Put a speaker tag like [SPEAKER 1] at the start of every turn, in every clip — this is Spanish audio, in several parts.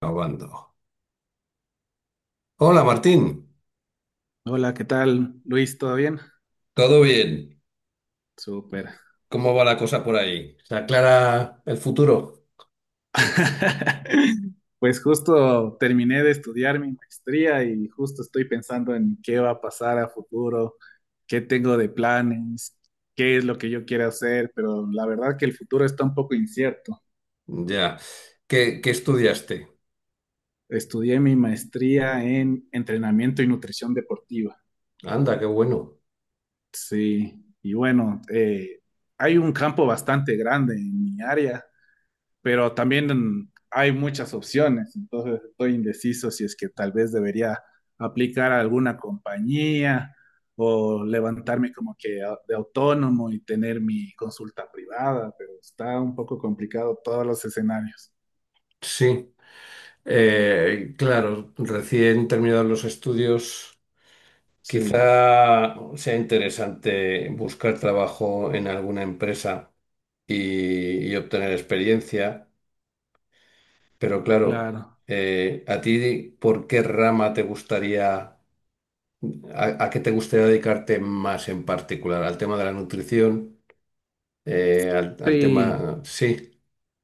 [SPEAKER 1] Grabando. Hola Martín.
[SPEAKER 2] Hola, ¿qué tal, Luis? ¿Todo bien?
[SPEAKER 1] Todo bien.
[SPEAKER 2] Súper.
[SPEAKER 1] ¿Cómo va la cosa por ahí? ¿Se aclara el futuro?
[SPEAKER 2] Pues justo terminé de estudiar mi maestría y justo estoy pensando en qué va a pasar a futuro, qué tengo de planes, qué es lo que yo quiero hacer, pero la verdad que el futuro está un poco incierto.
[SPEAKER 1] Ya, ¿qué estudiaste?
[SPEAKER 2] Estudié mi maestría en entrenamiento y nutrición deportiva.
[SPEAKER 1] Anda, qué bueno.
[SPEAKER 2] Sí, y bueno, hay un campo bastante grande en mi área, pero también hay muchas opciones, entonces estoy indeciso si es que tal vez debería aplicar a alguna compañía o levantarme como que de autónomo y tener mi consulta privada, pero está un poco complicado todos los escenarios.
[SPEAKER 1] Sí. Claro, recién terminados los estudios,
[SPEAKER 2] Sí,
[SPEAKER 1] quizá sea interesante buscar trabajo en alguna empresa y obtener experiencia. Pero claro,
[SPEAKER 2] claro.
[SPEAKER 1] ¿a ti por qué rama te gustaría? ¿A qué te gustaría dedicarte más en particular? ¿Al tema de la nutrición? Al
[SPEAKER 2] Sí.
[SPEAKER 1] tema... Sí.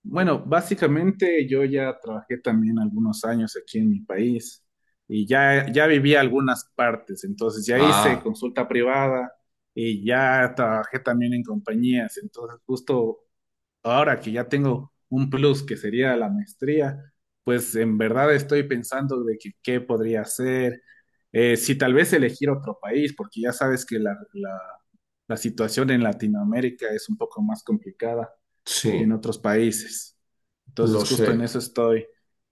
[SPEAKER 2] Bueno, básicamente yo ya trabajé también algunos años aquí en mi país y ya viví algunas partes, entonces ya hice
[SPEAKER 1] Ah,
[SPEAKER 2] consulta privada y ya trabajé también en compañías, entonces justo ahora que ya tengo un plus que sería la maestría, pues en verdad estoy pensando de que qué podría hacer, si tal vez elegir otro país, porque ya sabes que la situación en Latinoamérica es un poco más complicada que en
[SPEAKER 1] sí,
[SPEAKER 2] otros países. Entonces,
[SPEAKER 1] lo
[SPEAKER 2] justo en
[SPEAKER 1] sé.
[SPEAKER 2] eso estoy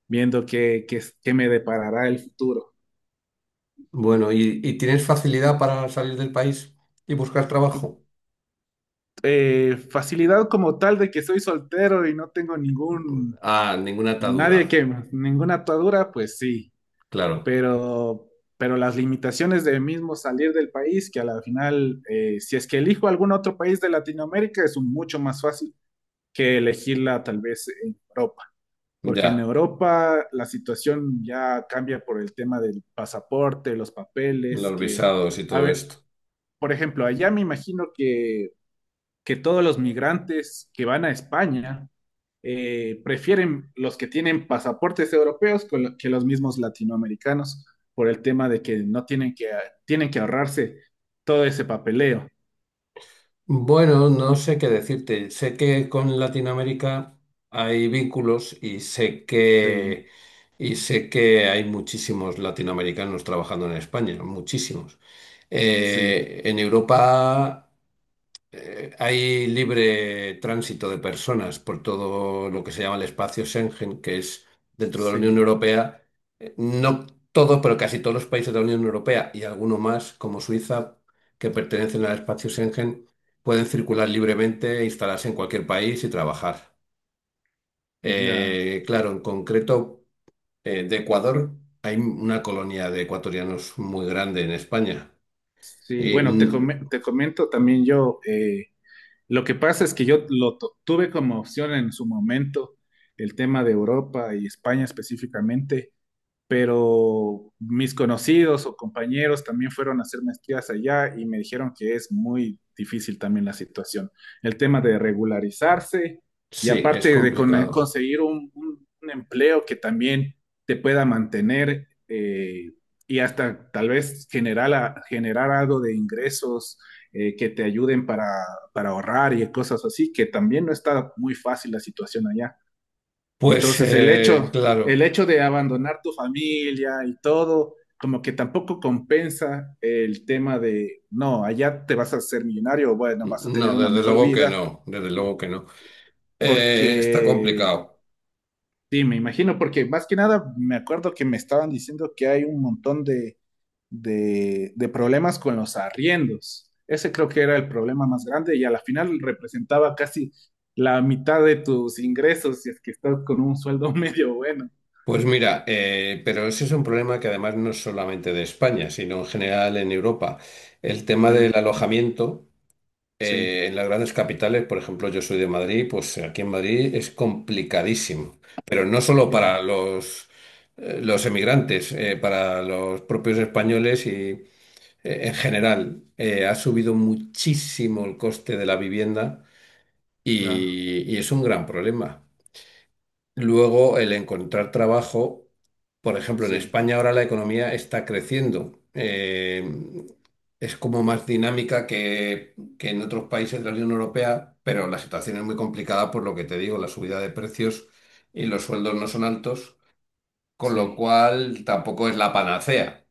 [SPEAKER 2] viendo qué me deparará el futuro.
[SPEAKER 1] Bueno, ¿y tienes facilidad para salir del país y buscar trabajo?
[SPEAKER 2] Facilidad como tal de que soy soltero y no tengo ningún,
[SPEAKER 1] Ah, ninguna atadura,
[SPEAKER 2] nadie que, ninguna atadura, pues sí,
[SPEAKER 1] claro.
[SPEAKER 2] pero, pero las limitaciones de mismo salir del país, que a la final, si es que elijo algún otro país de Latinoamérica, es un mucho más fácil que elegirla tal vez en Europa. Porque en
[SPEAKER 1] Ya,
[SPEAKER 2] Europa la situación ya cambia por el tema del pasaporte, los papeles,
[SPEAKER 1] los
[SPEAKER 2] que,
[SPEAKER 1] visados y
[SPEAKER 2] a
[SPEAKER 1] todo
[SPEAKER 2] ver,
[SPEAKER 1] esto.
[SPEAKER 2] por ejemplo, allá me imagino que todos los migrantes que van a España prefieren los que tienen pasaportes europeos que los mismos latinoamericanos por el tema de que no tienen que, tienen que ahorrarse todo ese papeleo.
[SPEAKER 1] Bueno, no sé qué decirte. Sé que con Latinoamérica hay vínculos y
[SPEAKER 2] Sí,
[SPEAKER 1] sé que hay muchísimos latinoamericanos trabajando en España, muchísimos.
[SPEAKER 2] sí,
[SPEAKER 1] En Europa hay libre tránsito de personas por todo lo que se llama el espacio Schengen, que es dentro de la Unión
[SPEAKER 2] sí,
[SPEAKER 1] Europea. No todos, pero casi todos los países de la Unión Europea y algunos más, como Suiza, que pertenecen al espacio Schengen, pueden circular libremente, instalarse en cualquier país y trabajar.
[SPEAKER 2] ya.
[SPEAKER 1] Claro, en concreto, de Ecuador hay una colonia de ecuatorianos muy grande en España.
[SPEAKER 2] Sí,
[SPEAKER 1] Y
[SPEAKER 2] bueno, te comento también yo. Lo que pasa es que yo tuve como opción en su momento el tema de Europa y España específicamente, pero mis conocidos o compañeros también fueron a hacer maestrías allá y me dijeron que es muy difícil también la situación. El tema de regularizarse y
[SPEAKER 1] sí, es
[SPEAKER 2] aparte de
[SPEAKER 1] complicado.
[SPEAKER 2] conseguir un, un empleo que también te pueda mantener, y hasta tal vez generar, generar algo de ingresos, que te ayuden para ahorrar y cosas así, que también no está muy fácil la situación allá.
[SPEAKER 1] Pues
[SPEAKER 2] Entonces,
[SPEAKER 1] claro.
[SPEAKER 2] el hecho de abandonar tu familia y todo, como que tampoco compensa el tema de, no, allá te vas a ser millonario, bueno, vas a tener
[SPEAKER 1] No,
[SPEAKER 2] una
[SPEAKER 1] desde
[SPEAKER 2] mejor
[SPEAKER 1] luego que
[SPEAKER 2] vida,
[SPEAKER 1] no, desde luego que no. Está
[SPEAKER 2] porque,
[SPEAKER 1] complicado.
[SPEAKER 2] sí, me imagino, porque más que nada me acuerdo que me estaban diciendo que hay un montón de problemas con los arriendos. Ese creo que era el problema más grande y a la final representaba casi la mitad de tus ingresos si es que estás con un sueldo medio bueno.
[SPEAKER 1] Pues mira, pero ese es un problema que además no es solamente de España, sino en general en Europa. El tema del
[SPEAKER 2] Sí,
[SPEAKER 1] alojamiento
[SPEAKER 2] sí.
[SPEAKER 1] en las grandes capitales, por ejemplo, yo soy de Madrid, pues aquí en Madrid es complicadísimo, pero no solo para
[SPEAKER 2] Claro,
[SPEAKER 1] los emigrantes, para los propios españoles y en general. Ha subido muchísimo el coste de la vivienda
[SPEAKER 2] claro,
[SPEAKER 1] y es un gran problema. Luego, el encontrar trabajo, por ejemplo, en
[SPEAKER 2] sí,
[SPEAKER 1] España ahora la economía está creciendo. Es como más dinámica que en otros países de la Unión Europea, pero la situación es muy complicada por lo que te digo, la subida de precios y los sueldos no son altos, con lo
[SPEAKER 2] sí,
[SPEAKER 1] cual tampoco es la panacea.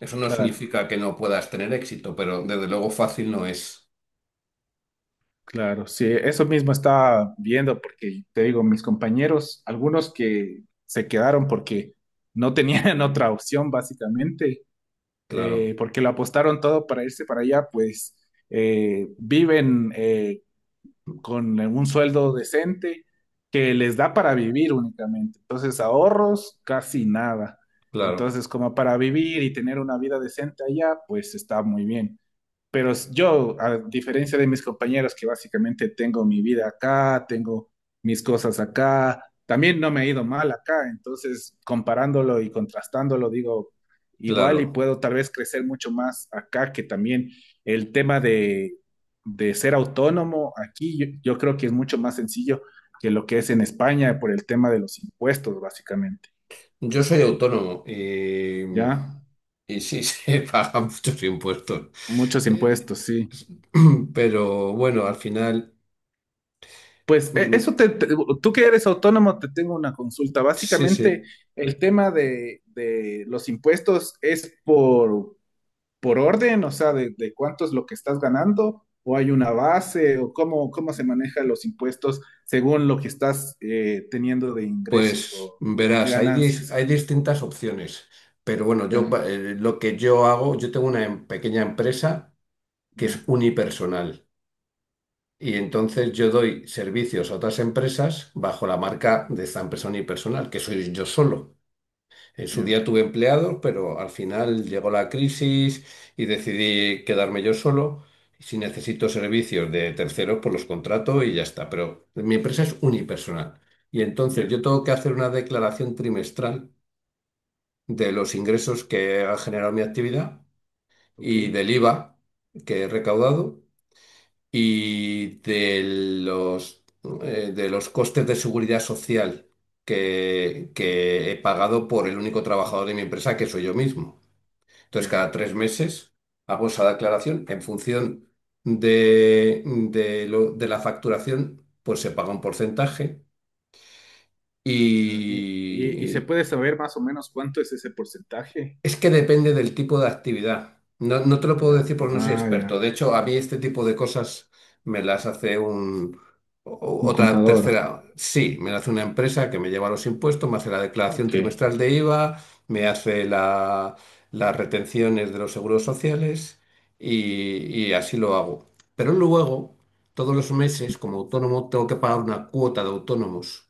[SPEAKER 1] Eso no
[SPEAKER 2] claro,
[SPEAKER 1] significa que no puedas tener éxito, pero desde luego fácil no es.
[SPEAKER 2] claro, sí, eso mismo estaba viendo porque te digo, mis compañeros, algunos que se quedaron porque no tenían otra opción básicamente,
[SPEAKER 1] Claro,
[SPEAKER 2] porque lo apostaron todo para irse para allá, pues viven con un sueldo decente que les da para vivir únicamente, entonces ahorros casi nada,
[SPEAKER 1] claro,
[SPEAKER 2] entonces como para vivir y tener una vida decente allá, pues está muy bien. Pero yo, a diferencia de mis compañeros que básicamente tengo mi vida acá, tengo mis cosas acá, también no me ha ido mal acá, entonces comparándolo y contrastándolo, digo, igual y
[SPEAKER 1] claro.
[SPEAKER 2] puedo tal vez crecer mucho más acá que también el tema de ser autónomo aquí, yo creo que es mucho más sencillo que lo que es en España por el tema de los impuestos, básicamente.
[SPEAKER 1] Yo soy autónomo
[SPEAKER 2] ¿Ya?
[SPEAKER 1] y sí se pagan muchos impuestos.
[SPEAKER 2] Muchos
[SPEAKER 1] Eh,
[SPEAKER 2] impuestos, sí.
[SPEAKER 1] pero bueno, al final,
[SPEAKER 2] Pues e-
[SPEAKER 1] mm,
[SPEAKER 2] eso te, te- Tú que eres autónomo, te tengo una consulta.
[SPEAKER 1] sí,
[SPEAKER 2] Básicamente,
[SPEAKER 1] sí,
[SPEAKER 2] el tema de los impuestos es por orden, o sea, de cuánto es lo que estás ganando, o hay una base, o cómo, cómo se manejan los impuestos según lo que estás teniendo de ingresos
[SPEAKER 1] pues
[SPEAKER 2] o de
[SPEAKER 1] verás,
[SPEAKER 2] ganancias.
[SPEAKER 1] hay distintas opciones. Pero bueno,
[SPEAKER 2] Ya,
[SPEAKER 1] lo que yo hago, yo tengo una pequeña empresa que
[SPEAKER 2] ya,
[SPEAKER 1] es unipersonal. Y entonces yo doy servicios a otras empresas bajo la marca de esta empresa unipersonal, que soy yo solo. En su
[SPEAKER 2] ya,
[SPEAKER 1] día tuve empleados, pero al final llegó la crisis y decidí quedarme yo solo. Si necesito servicios de terceros, pues los contrato y ya está. Pero mi empresa es unipersonal. Y entonces
[SPEAKER 2] ya,
[SPEAKER 1] yo tengo que hacer una declaración trimestral de los ingresos que ha generado mi actividad
[SPEAKER 2] ok,
[SPEAKER 1] y del IVA que he recaudado y de los, de los costes de seguridad social que he pagado por el único trabajador de mi empresa, que soy yo mismo. Entonces,
[SPEAKER 2] ya,
[SPEAKER 1] cada 3 meses hago esa declaración en función de la facturación, pues se paga un porcentaje
[SPEAKER 2] ya. Y se
[SPEAKER 1] y.
[SPEAKER 2] puede saber más o menos cuánto es ese porcentaje.
[SPEAKER 1] Es que depende del tipo de actividad. No, no te lo puedo
[SPEAKER 2] Ya,
[SPEAKER 1] decir porque no soy
[SPEAKER 2] ah,
[SPEAKER 1] experto.
[SPEAKER 2] ya,
[SPEAKER 1] De hecho, a mí este tipo de cosas me las hace
[SPEAKER 2] un
[SPEAKER 1] otra
[SPEAKER 2] contador.
[SPEAKER 1] tercera. Sí, me la hace una empresa que me lleva los impuestos, me hace la declaración
[SPEAKER 2] Ok,
[SPEAKER 1] trimestral de IVA, me hace las retenciones de los seguros sociales y, y así lo hago. Pero luego, todos los meses, como autónomo, tengo que pagar una cuota de autónomos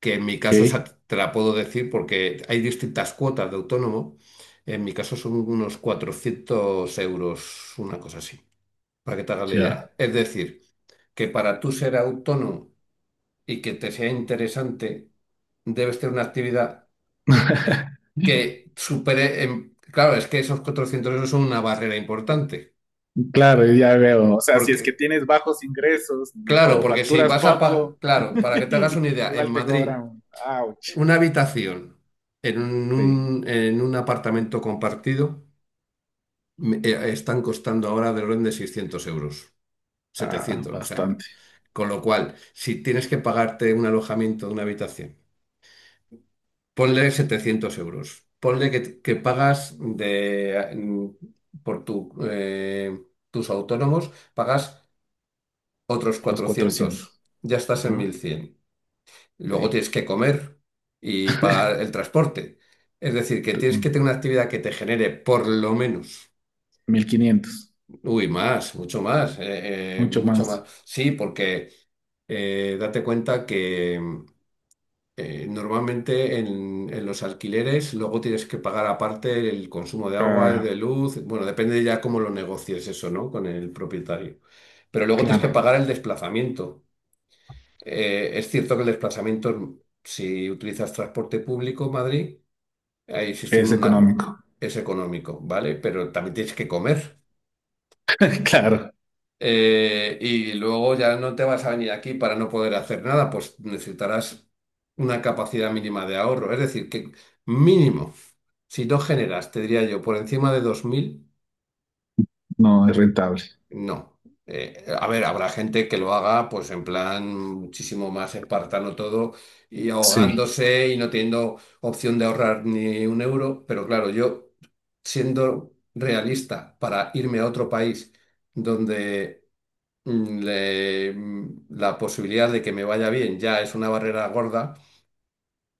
[SPEAKER 1] que en mi caso, o sea,
[SPEAKER 2] ok,
[SPEAKER 1] te la puedo decir porque hay distintas cuotas de autónomo. En mi caso son unos 400 euros, una cosa así, para que te hagas la
[SPEAKER 2] ya.
[SPEAKER 1] idea. Es decir, que para tú ser autónomo y que te sea interesante, debes tener una actividad que supere... Claro, es que esos 400 euros son una barrera importante.
[SPEAKER 2] Claro, ya veo. O sea, si es que
[SPEAKER 1] Porque,
[SPEAKER 2] tienes bajos ingresos
[SPEAKER 1] claro,
[SPEAKER 2] o
[SPEAKER 1] porque si
[SPEAKER 2] facturas
[SPEAKER 1] vas a pagar,
[SPEAKER 2] poco,
[SPEAKER 1] claro, para que te hagas una idea, en
[SPEAKER 2] igual te
[SPEAKER 1] Madrid,
[SPEAKER 2] cobran. Ouch.
[SPEAKER 1] una habitación en
[SPEAKER 2] Sí,
[SPEAKER 1] un apartamento compartido están costando ahora del orden de 600 euros,
[SPEAKER 2] ah,
[SPEAKER 1] 700, o sea,
[SPEAKER 2] bastante.
[SPEAKER 1] con lo cual, si tienes que pagarte un alojamiento de una habitación, ponle 700 euros, ponle que pagas de, por tus autónomos, pagas otros
[SPEAKER 2] Los
[SPEAKER 1] 400,
[SPEAKER 2] 400.
[SPEAKER 1] ya estás en
[SPEAKER 2] Ajá,
[SPEAKER 1] 1100. Luego
[SPEAKER 2] sí.
[SPEAKER 1] tienes que comer y pagar el transporte. Es decir, que tienes que tener una actividad que te genere por lo menos.
[SPEAKER 2] 1500.
[SPEAKER 1] Uy, más, mucho más,
[SPEAKER 2] Mucho
[SPEAKER 1] mucho
[SPEAKER 2] más.
[SPEAKER 1] más. Sí, porque date cuenta que normalmente en los alquileres luego tienes que pagar aparte el consumo de agua,
[SPEAKER 2] Ah,
[SPEAKER 1] de luz, bueno, depende ya cómo lo negocies eso, ¿no? Con el propietario. Pero luego tienes que
[SPEAKER 2] claro,
[SPEAKER 1] pagar el desplazamiento. Es cierto que el desplazamiento, si utilizas transporte público, Madrid, ahí sí es
[SPEAKER 2] es
[SPEAKER 1] una-
[SPEAKER 2] económico.
[SPEAKER 1] es económico, ¿vale? Pero también tienes que comer.
[SPEAKER 2] Claro,
[SPEAKER 1] Y luego ya no te vas a venir aquí para no poder hacer nada, pues necesitarás una capacidad mínima de ahorro. Es decir, que mínimo, si no generas, te diría yo, por encima de 2000,
[SPEAKER 2] no es rentable.
[SPEAKER 1] no. A ver, habrá gente que lo haga pues en plan muchísimo más espartano todo y
[SPEAKER 2] Sí.
[SPEAKER 1] ahogándose y no teniendo opción de ahorrar ni un euro, pero claro, yo siendo realista para irme a otro país donde la posibilidad de que me vaya bien ya es una barrera gorda,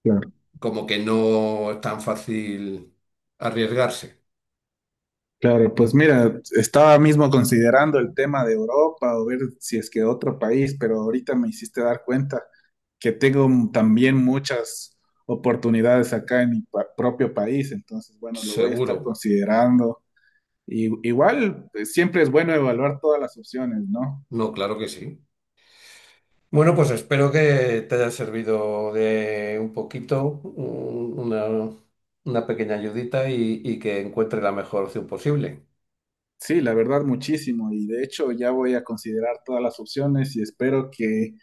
[SPEAKER 2] Claro.
[SPEAKER 1] como que no es tan fácil arriesgarse.
[SPEAKER 2] Claro, pues mira, estaba mismo considerando el tema de Europa o ver si es que otro país, pero ahorita me hiciste dar cuenta que tengo también muchas oportunidades acá en mi propio país, entonces bueno, lo voy a estar
[SPEAKER 1] Seguro.
[SPEAKER 2] considerando. Y, igual, siempre es bueno evaluar todas las opciones, ¿no?
[SPEAKER 1] No, claro que sí. Bueno, pues espero que te haya servido de un poquito, una pequeña ayudita y que encuentres la mejor opción posible.
[SPEAKER 2] Sí, la verdad, muchísimo. Y de hecho ya voy a considerar todas las opciones y espero que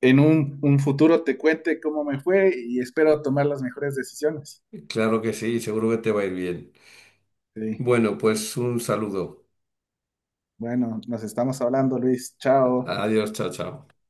[SPEAKER 2] en un futuro te cuente cómo me fue y espero tomar las mejores decisiones.
[SPEAKER 1] Claro que sí, seguro que te va a ir bien.
[SPEAKER 2] Sí.
[SPEAKER 1] Bueno, pues un saludo.
[SPEAKER 2] Bueno, nos estamos hablando, Luis. Chao.
[SPEAKER 1] Adiós, chao, chao.